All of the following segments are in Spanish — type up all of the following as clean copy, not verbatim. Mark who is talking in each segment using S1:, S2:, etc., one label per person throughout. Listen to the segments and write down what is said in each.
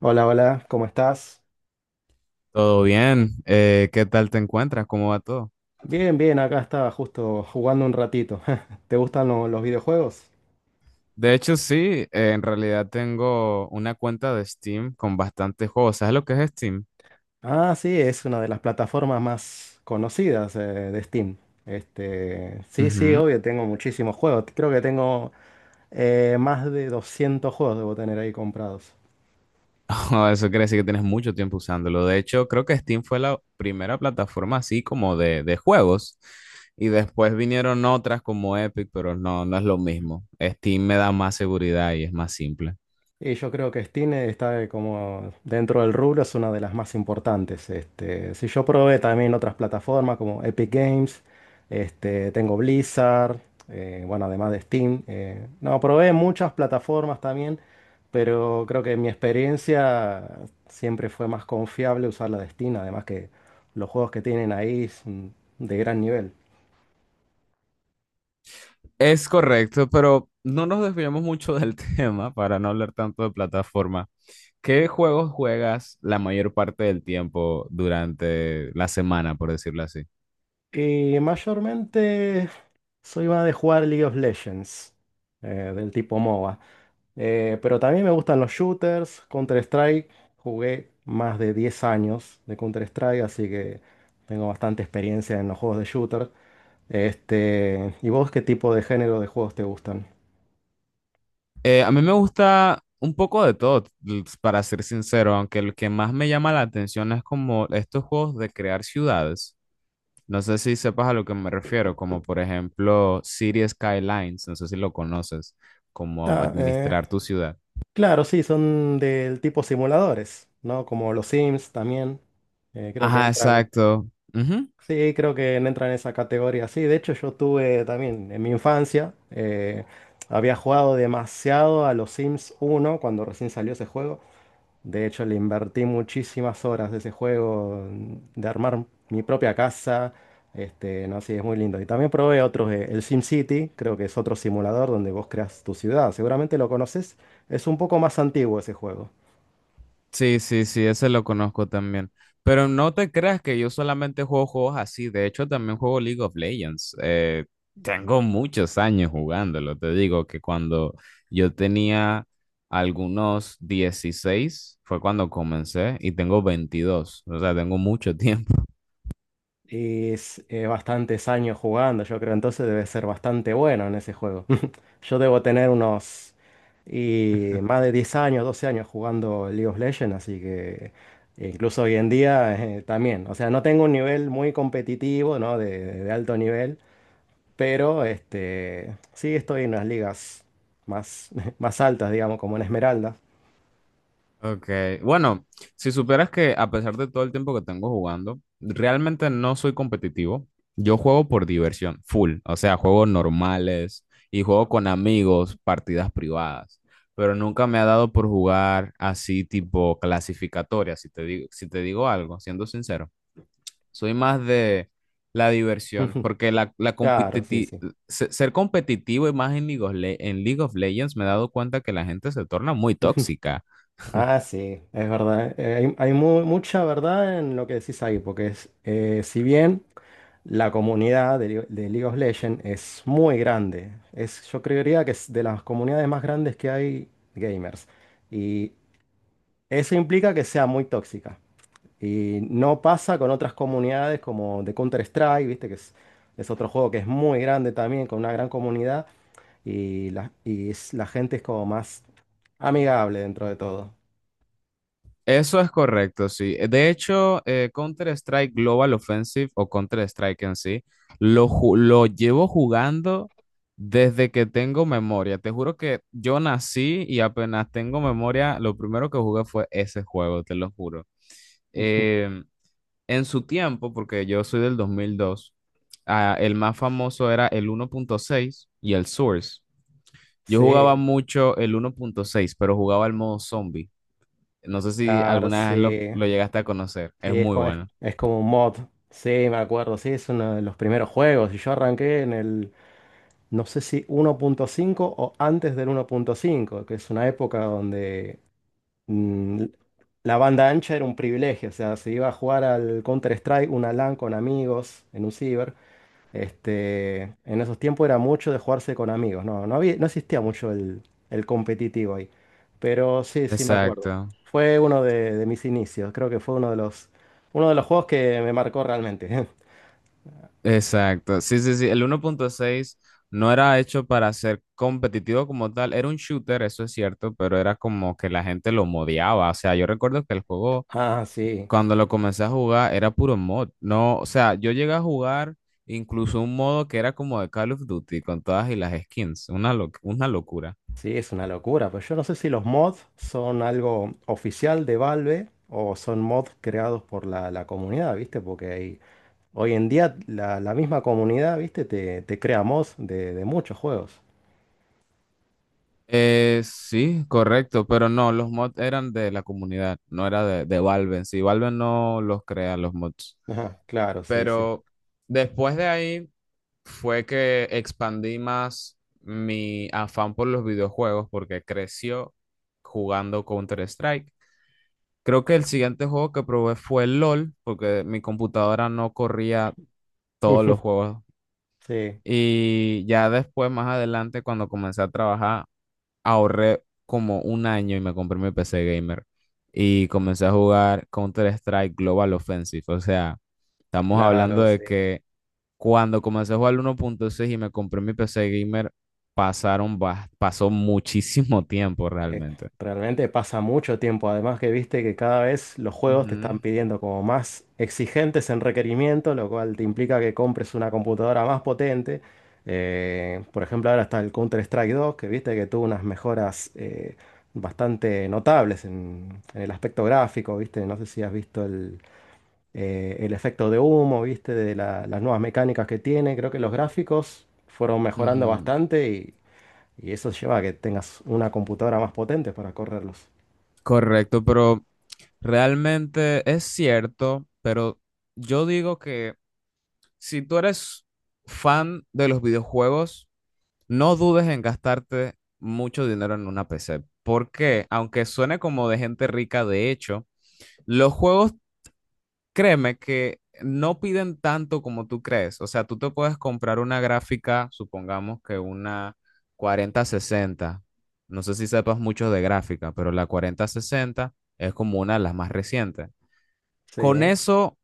S1: Hola, hola, ¿cómo estás?
S2: Todo bien, ¿qué tal te encuentras? ¿Cómo va todo?
S1: Bien, bien, acá estaba justo jugando un ratito. ¿Te gustan los videojuegos?
S2: De hecho, sí, en realidad tengo una cuenta de Steam con bastantes juegos. ¿Sabes lo que es Steam?
S1: Ah, sí, es una de las plataformas más conocidas de Steam. Este, sí, sí,
S2: Ujú.
S1: obvio, tengo muchísimos juegos. Creo que tengo más de 200 juegos debo tener ahí comprados.
S2: Eso quiere decir que tienes mucho tiempo usándolo. De hecho, creo que Steam fue la primera plataforma así como de juegos. Y después vinieron otras como Epic, pero no, no es lo mismo. Steam me da más seguridad y es más simple.
S1: Y yo creo que Steam está como dentro del rubro, es una de las más importantes. Este, si yo probé también otras plataformas como Epic Games, este, tengo Blizzard, bueno, además de Steam. No, probé muchas plataformas también, pero creo que mi experiencia siempre fue más confiable usar la de Steam, además que los juegos que tienen ahí son de gran nivel.
S2: Es correcto, pero no nos desviamos mucho del tema para no hablar tanto de plataforma. ¿Qué juegos juegas la mayor parte del tiempo durante la semana, por decirlo así?
S1: Y mayormente soy más de jugar League of Legends, del tipo MOBA. Pero también me gustan los shooters, Counter-Strike. Jugué más de 10 años de Counter-Strike, así que tengo bastante experiencia en los juegos de shooter. Este, ¿y vos qué tipo de género de juegos te gustan?
S2: A mí me gusta un poco de todo, para ser sincero, aunque el que más me llama la atención es como estos juegos de crear ciudades. No sé si sepas a lo que me refiero, como por ejemplo City Skylines, no sé si lo conoces, como
S1: Ah,
S2: administrar tu ciudad.
S1: claro, sí, son del tipo simuladores, ¿no? Como los Sims también. Creo que
S2: Ajá,
S1: entran.
S2: exacto. Ujú.
S1: Sí, creo que entra en esa categoría. Sí, de hecho yo tuve también en mi infancia, había jugado demasiado a los Sims 1 cuando recién salió ese juego. De hecho le invertí muchísimas horas de ese juego, de armar mi propia casa. Este, no, sí, es muy lindo. Y también probé otros, el SimCity, creo que es otro simulador donde vos creas tu ciudad. Seguramente lo conoces. Es un poco más antiguo ese juego.
S2: Sí, sí, sí, ese lo conozco también. Pero no te creas que yo solamente juego juegos así. De hecho, también juego League of Legends. Tengo muchos años jugándolo. Te digo que cuando yo tenía algunos 16 fue cuando comencé y tengo 22. O sea, tengo mucho tiempo.
S1: Y es, bastantes años jugando, yo creo, entonces debe ser bastante bueno en ese juego. Yo debo tener unos y más de 10 años, 12 años jugando League of Legends, así que incluso hoy en día también. O sea, no tengo un nivel muy competitivo, ¿no? De alto nivel, pero este, sí estoy en las ligas más, más altas, digamos, como en Esmeralda.
S2: Ok, bueno, si supieras que a pesar de todo el tiempo que tengo jugando, realmente no soy competitivo. Yo juego por diversión, full, o sea, juego normales y juego con amigos, partidas privadas, pero nunca me ha dado por jugar así tipo clasificatoria, si te digo algo, siendo sincero. Soy más de la diversión, porque
S1: Claro, sí, sí.
S2: ser competitivo y más en League of Legends me he dado cuenta que la gente se torna muy tóxica.
S1: Ah, sí, es verdad. hay mucha verdad en lo que decís ahí, porque es, si bien la comunidad de League of Legends es muy grande, es, yo creería que es de las comunidades más grandes que hay gamers, y eso implica que sea muy tóxica. Y no pasa con otras comunidades como de Counter-Strike, viste que es otro juego que es muy grande también, con una gran comunidad, y la gente es como más amigable dentro de todo.
S2: Eso es correcto, sí. De hecho, Counter-Strike Global Offensive o Counter-Strike en sí, lo llevo jugando desde que tengo memoria. Te juro que yo nací y apenas tengo memoria, lo primero que jugué fue ese juego, te lo juro. Em, en su tiempo, porque yo soy del 2002, el más famoso era el 1.6 y el Source. Yo jugaba
S1: Sí.
S2: mucho el 1.6, pero jugaba el modo zombie. No sé si
S1: Claro,
S2: alguna
S1: sí,
S2: vez lo llegaste a conocer. Es
S1: sí, es,
S2: muy
S1: co- es,
S2: bueno.
S1: es como un mod. Sí, me acuerdo, sí, es uno de los primeros juegos. Y yo arranqué en el, no sé si 1.5 o antes del 1.5, que es una época donde mm, la banda ancha era un privilegio. O sea, se iba a jugar al Counter-Strike, una LAN con amigos en un ciber. Este, en esos tiempos era mucho de jugarse con amigos, no, no había, no existía mucho el competitivo ahí. Pero sí, sí me acuerdo.
S2: Exacto,
S1: Fue uno de mis inicios, creo que fue uno de los juegos que me marcó realmente.
S2: exacto. Sí, sí, sí. El 1.6 no era hecho para ser competitivo como tal. Era un shooter, eso es cierto, pero era como que la gente lo modiaba. O sea, yo recuerdo que el juego,
S1: Ah, sí,
S2: cuando lo comencé a jugar, era puro mod. No, o sea, yo llegué a jugar incluso un modo que era como de Call of Duty con todas y las skins. Una, una locura.
S1: sí, es una locura. Pues yo no sé si los mods son algo oficial de Valve o son mods creados por la comunidad, ¿viste? Porque hoy en día la misma comunidad, ¿viste? Te crea mods de muchos juegos.
S2: Sí, correcto, pero no, los mods eran de la comunidad, no era de Valve. En sí, Valve no los crea los mods.
S1: Ajá, claro, sí, sí.
S2: Pero después de ahí fue que expandí más mi afán por los videojuegos porque creció jugando Counter-Strike. Creo que el siguiente juego que probé fue LOL, porque mi computadora no corría todos los juegos.
S1: Sí,
S2: Y ya después, más adelante, cuando comencé a trabajar, ahorré como un año y me compré mi PC gamer y comencé a jugar Counter-Strike Global Offensive. O sea, estamos hablando
S1: claro,
S2: de
S1: sí.
S2: que cuando comencé a jugar el 1.6 y me compré mi PC gamer, pasaron, pasó muchísimo tiempo
S1: Eh,
S2: realmente.
S1: Realmente pasa mucho tiempo. Además que viste que cada vez los juegos te
S2: Ujú,
S1: están pidiendo como más exigentes en requerimiento, lo cual te implica que compres una computadora más potente. Por ejemplo, ahora está el Counter-Strike 2 que viste que tuvo unas mejoras bastante notables en el aspecto gráfico, viste. No sé si has visto el efecto de humo, viste, de las nuevas mecánicas que tiene. Creo que los gráficos fueron mejorando
S2: ujú.
S1: bastante. Y eso lleva a que tengas una computadora más potente para correrlos.
S2: Correcto, pero realmente es cierto, pero yo digo que si tú eres fan de los videojuegos, no dudes en gastarte mucho dinero en una PC, porque aunque suene como de gente rica, de hecho, los juegos, créeme que no piden tanto como tú crees. O sea, tú te puedes comprar una gráfica, supongamos que una 4060. No sé si sepas mucho de gráfica, pero la 4060 es como una de las más recientes.
S1: Sí,
S2: Con eso,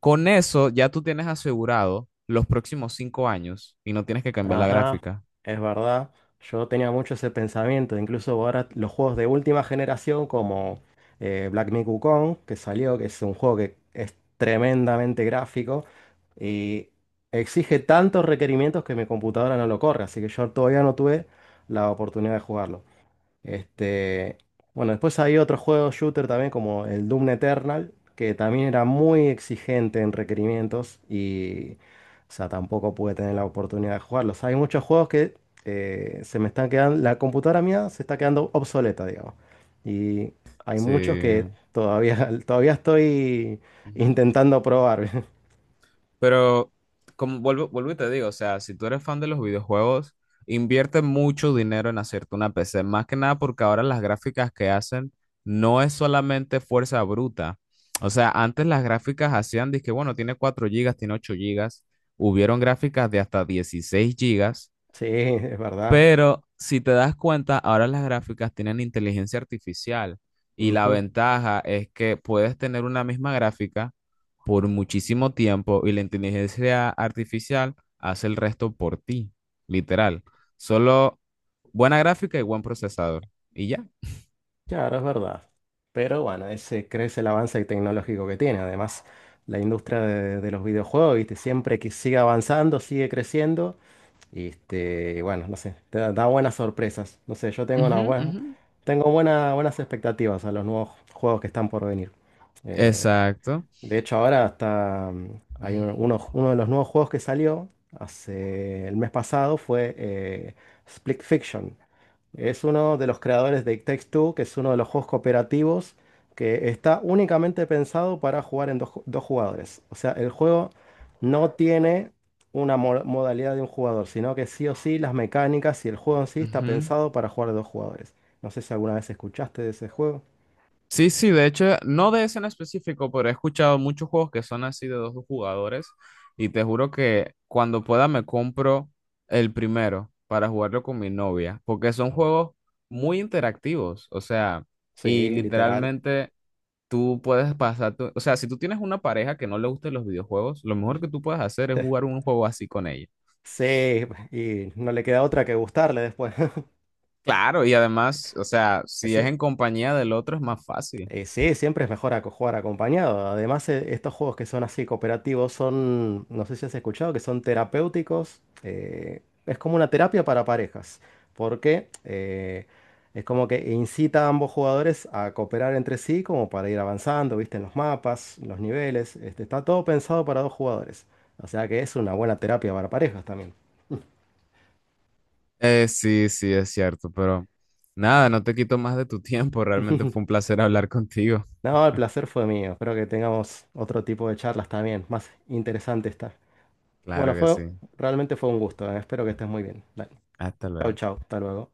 S2: con eso ya tú tienes asegurado los próximos 5 años y no tienes que cambiar la
S1: ajá,
S2: gráfica.
S1: es verdad. Yo tenía mucho ese pensamiento. Incluso ahora los juegos de última generación como Black Myth Wukong, que salió, que es un juego que es tremendamente gráfico y exige tantos requerimientos que mi computadora no lo corre. Así que yo todavía no tuve la oportunidad de jugarlo. Este, bueno, después hay otros juegos shooter también como el Doom Eternal, que también era muy exigente en requerimientos y, o sea, tampoco pude tener la oportunidad de jugarlos. Hay muchos juegos que se me están quedando, la computadora mía se está quedando obsoleta, digamos. Y hay muchos que
S2: Sí.
S1: todavía, todavía estoy
S2: Ujú.
S1: intentando probar.
S2: Pero, como vuelvo y te digo, o sea, si tú eres fan de los videojuegos, invierte mucho dinero en hacerte una PC, más que nada porque ahora las gráficas que hacen no es solamente fuerza bruta. O sea, antes las gráficas hacían, dizque, bueno, tiene 4 gigas, tiene 8 gigas, hubieron gráficas de hasta 16 gigas,
S1: Sí, es verdad.
S2: pero si te das cuenta, ahora las gráficas tienen inteligencia artificial y la ventaja es que puedes tener una misma gráfica por muchísimo tiempo y la inteligencia artificial hace el resto por ti, literal. Solo buena gráfica y buen procesador. Y ya.
S1: Claro, es verdad. Pero bueno, ese crece el avance tecnológico que tiene. Además, la industria de los videojuegos, ¿viste? Siempre que sigue avanzando, sigue creciendo. Y este, y bueno, no sé, te da buenas sorpresas. No sé, yo tengo una
S2: Ujú,
S1: buen-
S2: ujú.
S1: tengo buena- buenas expectativas a los nuevos juegos que están por venir. Eh,
S2: Exacto.
S1: de hecho, ahora hasta hay uno de los nuevos juegos que salió hace el mes pasado fue Split Fiction. Es uno de los creadores de It Takes Two, que es uno de los juegos cooperativos que está únicamente pensado para jugar en dos jugadores. O sea, el juego no tiene una modalidad de un jugador, sino que sí o sí las mecánicas y el juego en sí está
S2: Ujú.
S1: pensado para jugar de dos jugadores. No sé si alguna vez escuchaste de ese juego.
S2: Sí, sí, de hecho, no de ese en específico, pero he escuchado muchos juegos que son así de dos jugadores y te juro que cuando pueda me compro el primero para jugarlo con mi novia, porque son juegos muy interactivos, o sea, y
S1: Sí, literal.
S2: literalmente tú puedes pasar, o sea, si tú tienes una pareja que no le gusten los videojuegos, lo mejor que tú puedes hacer es jugar un juego así con ella.
S1: Sí, y no le queda otra que gustarle después.
S2: Claro, y además, o sea, si
S1: Sí,
S2: es en compañía del otro es más fácil.
S1: sí, siempre es mejor jugar acompañado. Además, estos juegos que son así cooperativos son, no sé si has escuchado, que son terapéuticos. Es como una terapia para parejas, porque es como que incita a ambos jugadores a cooperar entre sí como para ir avanzando, viste, en los mapas, los niveles. Este, está todo pensado para dos jugadores. O sea que es una buena terapia para parejas también.
S2: Sí, sí, es cierto, pero nada, no te quito más de tu tiempo. Realmente fue un placer hablar contigo.
S1: No, el placer fue mío. Espero que tengamos otro tipo de charlas también, más interesante esta. Bueno,
S2: Claro que sí.
S1: realmente fue un gusto. Espero que estés muy bien. Dale.
S2: Hasta
S1: Chau,
S2: luego.
S1: chau. Hasta luego.